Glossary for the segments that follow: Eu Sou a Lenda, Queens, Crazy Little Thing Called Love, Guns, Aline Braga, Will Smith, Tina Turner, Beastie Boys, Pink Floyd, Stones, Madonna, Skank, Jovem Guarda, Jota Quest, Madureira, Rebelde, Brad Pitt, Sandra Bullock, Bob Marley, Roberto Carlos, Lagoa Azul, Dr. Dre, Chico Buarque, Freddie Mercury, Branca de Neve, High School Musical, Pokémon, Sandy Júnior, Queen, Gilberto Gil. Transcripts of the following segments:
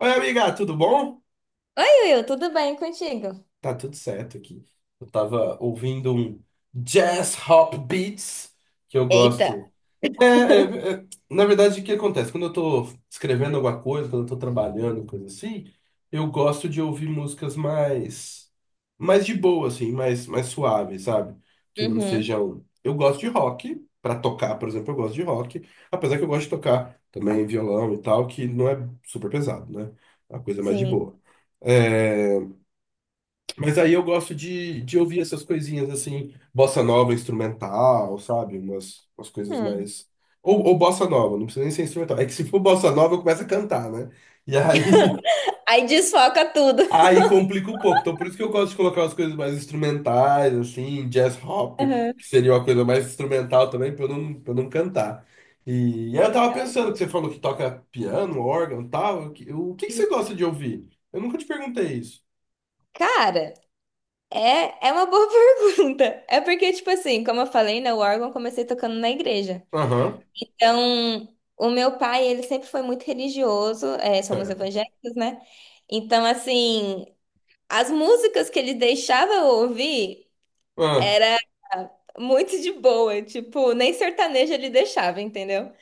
Oi, amiga, tudo bom? Oi, Will, tudo bem contigo? Tá tudo certo aqui. Eu tava ouvindo um jazz hop beats que eu Eita. gosto. Na verdade, o que acontece? Quando eu tô escrevendo alguma coisa, quando eu tô trabalhando, coisa assim, eu gosto de ouvir músicas mais de boa, assim, mais suaves, sabe? Que não Uhum, sejam. Eu gosto de rock, pra tocar, por exemplo, eu gosto de rock, apesar que eu gosto de tocar também violão e tal, que não é super pesado, né? É uma coisa mais de sim. boa. É, mas aí eu gosto de ouvir essas coisinhas assim, bossa nova instrumental, sabe? Umas coisas Hum. mais. Ou bossa nova, não precisa nem ser instrumental. É que se for bossa nova, eu começo a cantar, né? E aí, Aí desfoca tudo. aí complica um pouco. Então por isso que eu gosto de colocar as coisas mais instrumentais, assim, jazz hop, Aham. que seria uma coisa mais instrumental também, pra eu não cantar. E aí eu tava É o- pensando que você falou que toca piano, órgão e tal. O que que você isso. gosta de ouvir? Eu nunca te perguntei isso. Cara, é uma boa pergunta. É porque, tipo assim, como eu falei, né, o órgão eu comecei tocando na igreja. Aham, Então, o meu pai, ele sempre foi muito religioso, é, somos certo. evangélicos, né? Então, assim, as músicas que ele deixava eu ouvir Ah. era muito de boa, tipo, nem sertanejo ele deixava, entendeu?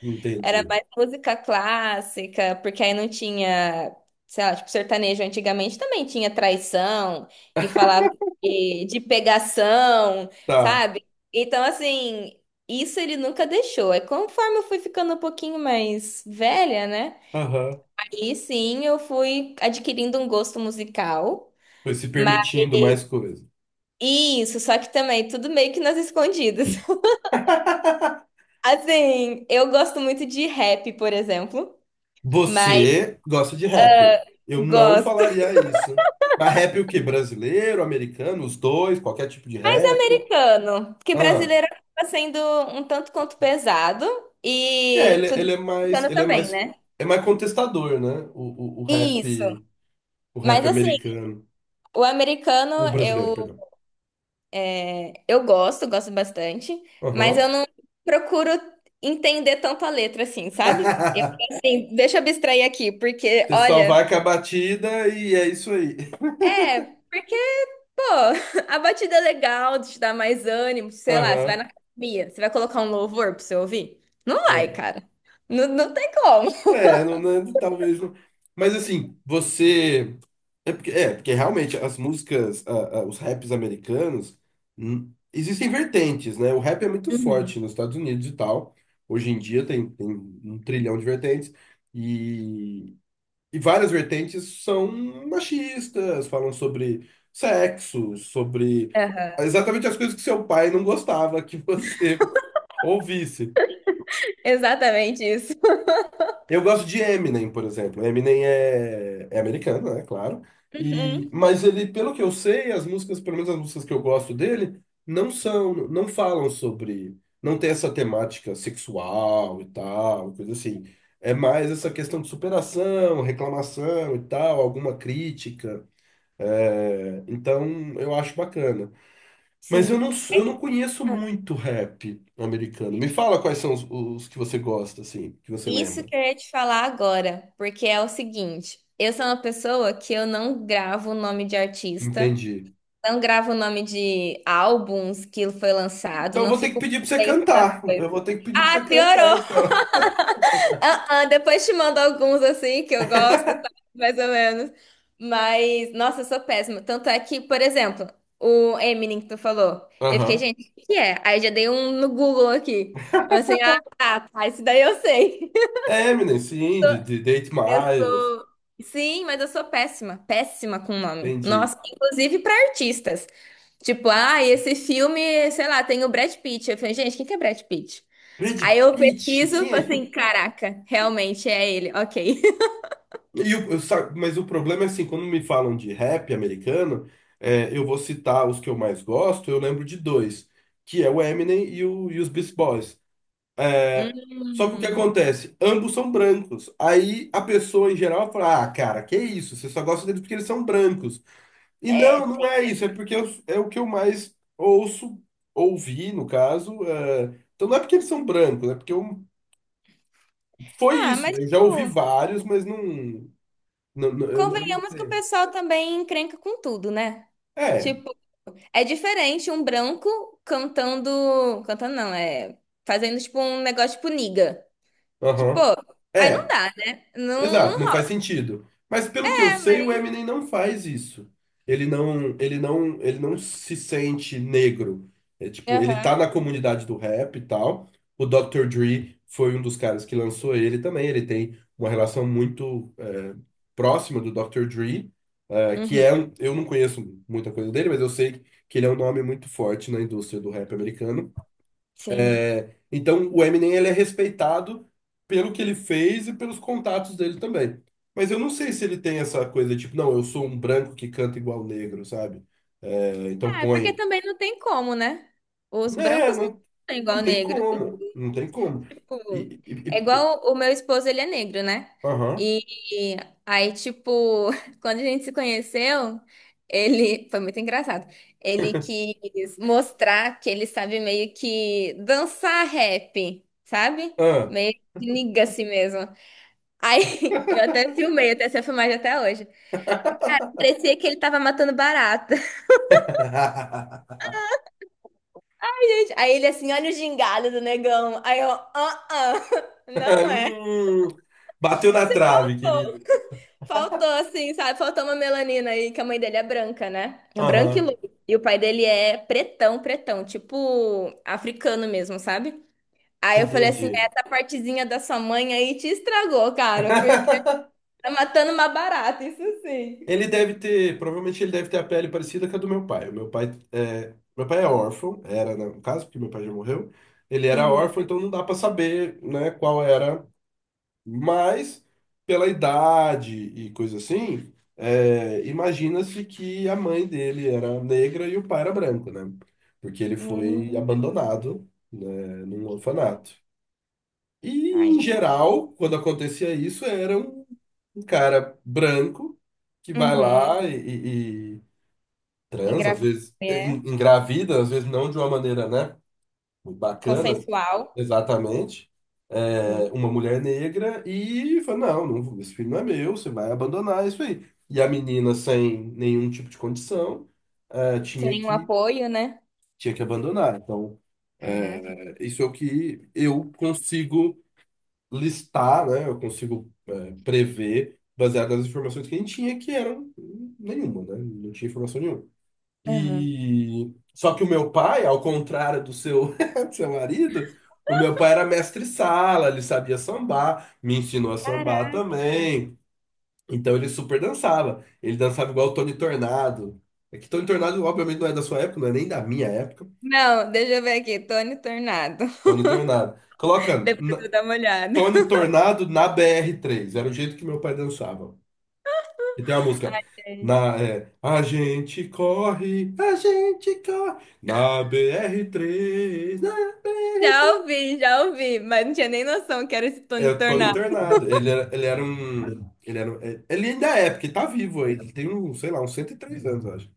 Era Entendi. mais música clássica, porque aí não tinha, sei lá, tipo, sertanejo antigamente também tinha traição e falava de pegação, Tá. sabe? Então, assim, isso ele nunca deixou. É conforme eu fui ficando um pouquinho mais velha, né? Aham. Aí sim eu fui adquirindo um gosto musical. Foi se Mas permitindo mais coisa. isso, só que também tudo meio que nas escondidas. Assim, eu gosto muito de rap, por exemplo, mas Você gosta de rap. Eu não gosto. falaria isso. Mas rap é o quê? Brasileiro, americano, os dois, qualquer tipo de Mais rap. americano, porque Ah, brasileiro acaba sendo um tanto quanto pesado é, e ele, tudo ele é mais, americano ele também, né? é mais contestador, né? O Isso. rap, o rap Mas assim, americano, o americano o brasileiro, eu perdão. eu gosto, gosto bastante, mas eu Aham. não procuro entender tanto a letra assim, sabe? Eu assim, deixa eu abstrair aqui, porque Você só olha, vai com a batida e é isso aí. é, porque Pô, a batida é legal, te dá mais ânimo, sei lá, você vai Aham, na academia, você vai colocar um louvor pra você ouvir? Não vai, é. cara. Não, não tem como. É, não, talvez não. Mas assim, você. É porque realmente as músicas, os raps americanos, existem vertentes, né? O rap é muito forte Uhum. nos Estados Unidos e tal. Hoje em dia tem um trilhão de vertentes. E, e várias vertentes são machistas, falam sobre sexo, sobre Aham. exatamente as coisas que seu pai não gostava que você ouvisse. Exatamente isso. Eu gosto de Eminem, por exemplo. Eminem é americano, né? Claro. Uhum. E, mas ele, pelo que eu sei, as músicas, pelo menos as músicas que eu gosto dele, não são, não falam sobre, não tem essa temática sexual e tal, coisa assim. É mais essa questão de superação, reclamação e tal, alguma crítica. É, então, eu acho bacana. Mas eu Sim. não, eu não conheço Ah, muito rap americano. Me fala quais são os que você gosta, assim, que você isso lembra. que eu ia te falar agora, porque é o seguinte, eu sou uma pessoa que eu não gravo o nome de artista, Entendi. não gravo o nome de álbuns que foi lançado, Então eu não vou ter que fico por pedir pra você dentro das cantar. coisas. Eu vou ter que pedir pra Ah, você cantar, piorou! então. Ah, depois te mando alguns assim que eu gosto, sabe? Mais ou menos. Mas, nossa, eu sou péssima. Tanto é que, por exemplo, o Eminem que tu falou. Eu fiquei, Aham. gente, o que que é? Aí eu já dei um no Google aqui. Eu assim, ah, tá, tá, isso daí eu sei. Eminem, sim, de 8 Eu Miles, sou. Sim, mas eu sou péssima, péssima com nome. tem de Nossa, inclusive pra artistas. Tipo, ah, esse filme, sei lá, tem o Brad Pitt. Eu falei, gente, quem que é Brad Pitt? Brad Aí eu Pitt, pesquiso, quem falo é? assim, caraca, realmente é ele, ok. Mas o problema é assim, quando me falam de rap americano, é, eu vou citar os que eu mais gosto, eu lembro de dois, que é o Eminem e, o, e os Beast Boys. É, só que o que Hum. acontece? Ambos são brancos. Aí a pessoa em geral fala, ah, cara, que isso? Você só gosta deles porque eles são brancos. E É, não, não tem. é isso, é o que eu mais ouço, ouvi, no caso. É, então não é porque eles são brancos, é porque eu... foi Ah, isso. mas, Eu já ouvi tipo, vários, mas não. Eu não convenhamos que o sei. pessoal também encrenca com tudo, né? É, Tipo, é diferente um branco cantando. Cantando não, é. Fazendo, tipo, um negócio tipo niga. Tipo, aham. aí não É. dá, né? Não, Exato, não não faz sentido. Mas pelo que eu é, sei, o mas. Eminem não faz isso. Ele não se sente negro. É, tipo, ele tá Aham. na comunidade do rap e tal. O Dr. Dre foi um dos caras que lançou ele também. Ele tem uma relação muito é, próxima do Dr. Dre, é, que Uhum. é, um- eu não conheço muita coisa dele, mas eu sei que ele é um nome muito forte na indústria do rap americano. Sim. É, então, o Eminem ele é respeitado pelo que ele fez e pelos contatos dele também. Mas eu não sei se ele tem essa coisa tipo, não, eu sou um branco que canta igual negro, sabe? É, então Ah, é porque põe. também não tem como, né? Os Né, brancos não não, são não igual tem negros. como. Não tem como. Tipo, E, e, é e- e- igual o meu esposo, ele é negro, né? aham. E aí, tipo, quando a gente se conheceu, ele foi muito engraçado. Ele quis mostrar que ele sabe meio que dançar rap, sabe? Ah. Meio que niga assim mesmo. Aí eu até filmei, eu tenho essa filmagem até hoje. E, cara, parecia que ele tava matando barata. Aí ele assim, olha o gingado do negão. Aí eu, ah, não é. Hum, bateu na Você trave, faltou. querido. Faltou, assim, sabe? Faltou uma melanina aí, que a mãe dele é branca, né? É branca e Aham. loira. E o pai dele é pretão, pretão, tipo africano mesmo, sabe? Aí eu falei assim, Entendi. essa partezinha da sua mãe aí te estragou, cara, porque tá matando uma barata, isso sim. Ele deve ter, provavelmente ele deve ter a pele parecida com a do meu pai. O meu pai é órfão, era né, no caso, porque meu pai já morreu. Ele era Uhum. órfão, então não dá para saber, né, qual era. Mas pela idade e coisa assim, é, imagina-se que a mãe dele era negra e o pai era branco, né? Porque ele foi Uhum. abandonado, né, num orfanato. E, Ai, em gente. geral, quando acontecia isso, era um cara branco que vai Uhum. lá e transa, às Engravidou, vezes é. Engravida, às vezes não de uma maneira, né, muito bacana, Consensual. exatamente, Sim. é, uma mulher negra e fala, não, não, esse filho não é meu, você vai abandonar isso aí. E a menina, sem nenhum tipo de condição, é, Sem tinha nenhum que, apoio, né? tinha que abandonar. Então, Caraca. é, isso é o que eu consigo listar, né? Eu consigo é, prever baseado nas informações que a gente tinha, que eram nenhuma, né? Não tinha informação nenhuma. Uhum. E só que o meu pai, ao contrário do seu, do seu marido, o meu pai era mestre sala, ele sabia sambar, me ensinou a sambar Caraca. também. Então ele super dançava. Ele dançava igual o Tony Tornado. É que Tony Tornado, obviamente, não é da sua época, não é nem da minha época. Não, deixa eu ver aqui. Tony Tornado. Tony Tornado. Depois eu dou uma olhada. Tony Tornado na BR3. Era o jeito que meu pai dançava. E tem uma música. Gente. Na, é, a gente corre na br três na br três. Já ouvi, mas não tinha nem noção que era esse É Tony o Tony Tornado. Tornado. Ele era um. Ele, era, um- é, ele ainda é, porque tá vivo aí. Ele tem um, sei lá, uns 103 anos, eu acho.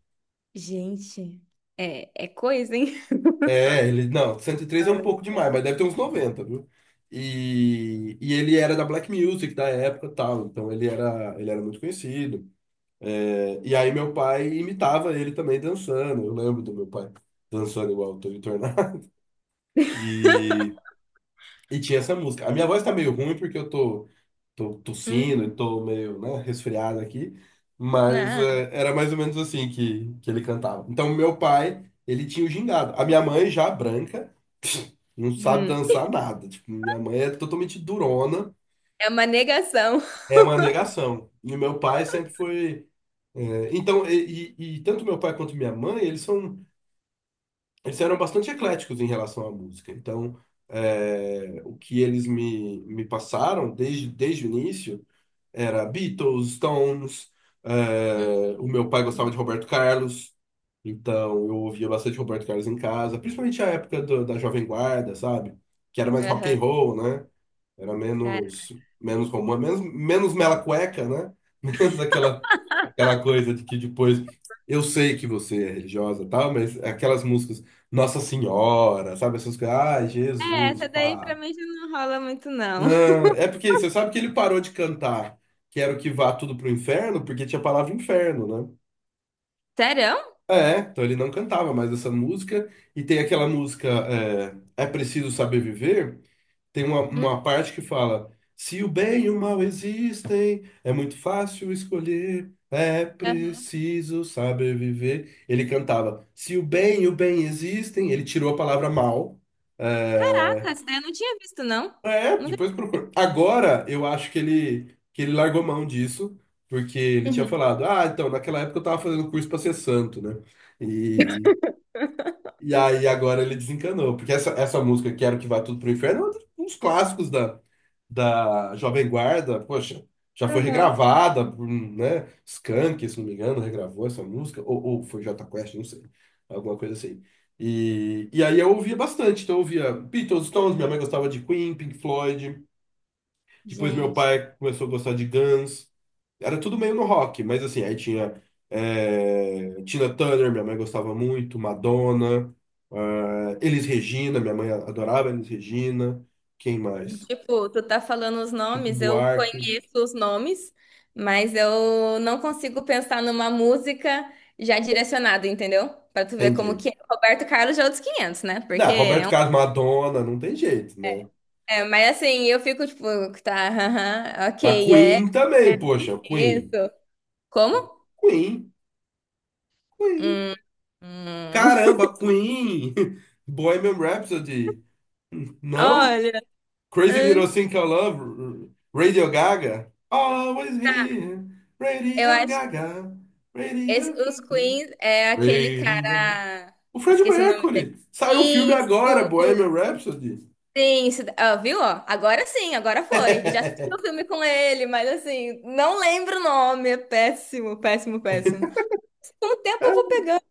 Gente, é coisa, hein? É, ele. Não, 103 é um Fala. pouco demais, mas deve ter uns 90 viu? E ele era da Black Music da época e tal. Então ele era muito conhecido. É, e aí meu pai imitava ele também dançando. Eu lembro do meu pai dançando igual o Tony Tornado. E, e tinha essa música. A minha voz tá meio ruim porque tô tossindo Hum, e tô meio, né, resfriado aqui, mas nada. é, era mais ou menos assim que ele cantava. Então, meu pai, ele tinha o gingado. A minha mãe já branca, não sabe Hum, dançar nada. Tipo, minha mãe é totalmente durona, é uma negação. é uma negação. E o meu pai sempre foi. É, então, e tanto meu pai quanto minha mãe, eles são. Eles eram bastante ecléticos em relação à música. Então, é, o que eles me passaram desde o início era Beatles, Stones, Hum, é, o meu pai gostava de hum, Roberto Carlos, então eu ouvia bastante Roberto Carlos em casa, principalmente a época da Jovem Guarda, sabe? Que era mais rock aham. and roll, né? Era Cara, menos, menos romântico, menos mela cueca, né? Menos aquela, aquela coisa de que depois. Eu sei que você é religiosa e tal, mas aquelas músicas Nossa Senhora, sabe? Essas coisas. Ai, é, Jesus, essa daí pra pá. mim já não rola muito, não. Ah, é porque você sabe que ele parou de cantar Quero Que Vá Tudo pro Inferno, porque tinha a palavra inferno, né? Sério? É, então ele não cantava mais essa música. E tem aquela música é, É Preciso Saber Viver. Tem uma, Hum, uma parte que fala: se o bem e o mal existem, é muito fácil escolher, é aham. preciso saber viver. Ele cantava: se o bem e o bem existem, ele tirou a palavra mal. Caraca, É, essa daí eu não tinha visto, não. é, Nunca. depois procura. Agora eu acho que ele largou mão disso, porque ele tinha Uhum. falado: ah, então naquela época eu tava fazendo curso pra ser santo, né? E, e aí agora ele desencanou, porque essa música, Quero Que Vá Tudo pro Inferno, é um dos clássicos da Jovem Guarda, poxa, já foi Aham. regravada, né? Skank, se não me engano, regravou essa música, ou foi Jota Quest, não sei, alguma coisa assim. E aí eu ouvia bastante, então eu ouvia Beatles, Stones, minha mãe gostava de Queen, Pink Floyd, depois meu Gente. pai começou a gostar de Guns, era tudo meio no rock, mas assim, aí tinha é, Tina Turner, minha mãe gostava muito, Madonna, ah, Elis Regina, minha mãe adorava Elis Regina, quem mais? Tipo, tu tá falando os Chico nomes, eu Buarque. conheço os nomes, mas eu não consigo pensar numa música já direcionada, entendeu? Pra tu ver como que Entendi. é. Roberto Carlos já é outros 500, né? Não, Porque é Roberto um... Carlos, Madonna, não tem jeito, né? É, mas assim, eu fico tipo, tá, aham, Mas ok, é, Queen também, é poxa, isso. Queen. Como? Queen, Queen. Hum, hum. Caramba, Queen. Bohemian Rhapsody. Não? Olha, Crazy Little hum, Thing Called Love. Radio Gaga. Always Here. eu Radio acho que Gaga. Radio os Gaga. Queens é aquele Radio. cara. O Fred Esqueci o nome dele. Mercury. Saiu o filme Isso! agora, Bohemian Rhapsody. Sim, ah, viu? Ó? Agora sim, agora foi. Eu já assisti o filme com ele, mas assim, não lembro o nome. É péssimo, péssimo, péssimo. Com o tempo eu vou pegando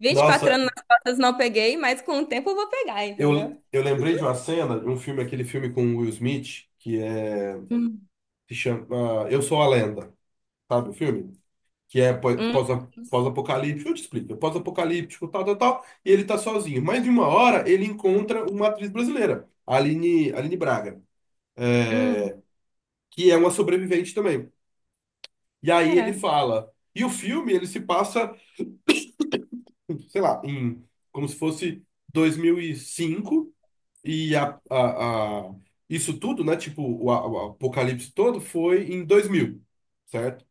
24 anos Nossa, nas costas não peguei, mas com o tempo eu vou pegar, entendeu? eu lembrei de uma cena, de um filme, aquele filme com o Will Smith, que é, Hum, se chama Eu Sou a Lenda, sabe o filme? Que é hum, pós-apocalíptico, eu te explico, é pós-apocalíptico, tal, tal, tal, e ele tá sozinho. Mas de uma hora ele encontra uma atriz brasileira, Aline Braga, hum. que é uma sobrevivente também. E aí ele Caraca. fala, e o filme ele se passa, sei lá, em como se fosse 2005. E a, a, a- isso tudo, né? Tipo, o apocalipse todo foi em 2000, certo?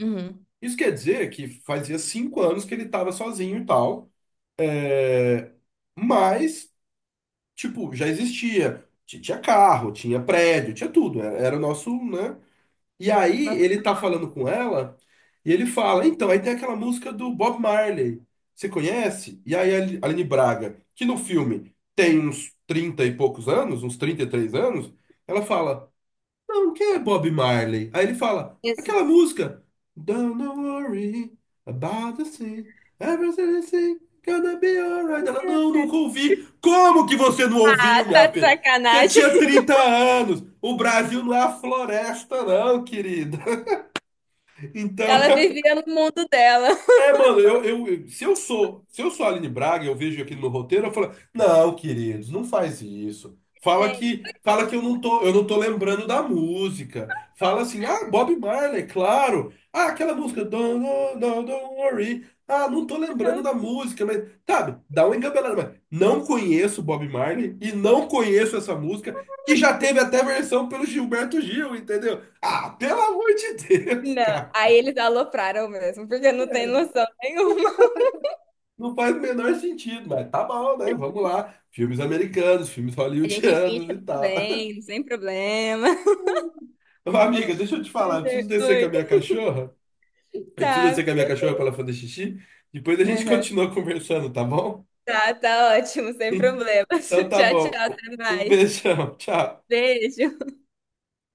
Uhum. Isso quer dizer que fazia 5 anos que ele estava sozinho e tal. É, mas, tipo, já existia. Tinha carro, tinha prédio, tinha tudo. Era o nosso, né? E aí Nossa, ele tá falando com ela e ele fala, então, aí tem aquela música do Bob Marley. Você conhece? E aí Aline Braga, que no filme tem uns 30 e poucos anos, uns 33 anos, ela fala, não, quem é Bob Marley? Aí ele fala, aquela Jesus. música. Don't worry about the thing. Everything gonna be alright. Ela, não, nunca ouvi. Como que você não Ah, ouviu, tá minha de filha? Você sacanagem. tinha 30 anos. O Brasil não é a floresta, não, querida. Então, Ela vivia no mundo dela. é, mano, se eu sou, se eu sou a Aline Braga, eu vejo aquilo no roteiro, eu falo, não, queridos, não faz isso. Fala Gente. Que eu não tô lembrando da música. Fala assim, ah, Bob Marley, claro. Ah, aquela música, don't don't worry. Ah, não tô lembrando da música, mas, sabe, dá uma engabelada, mas não conheço Bob Marley e não conheço essa música, que já teve até versão pelo Gilberto Gil, entendeu? Ah, pelo amor de Deus, Não, cara. aí eles alopraram mesmo, porque não tem É, noção nenhuma. não faz o menor sentido, mas tá bom, né? Vamos lá. Filmes americanos, filmes A gente finge hollywoodianos que e tá tudo tal. bem, sem problema. Ô, amiga, deixa eu te falar, eu Mas preciso é, descer com a oi, minha cachorra. Eu preciso tá. descer com a minha cachorra para ela fazer xixi. Depois a gente Aham. continua conversando, tá bom? Tá, tá ótimo, sem problemas. Então tá Tchau, tchau, bom. até Um mais. beijão, tchau. Beijo.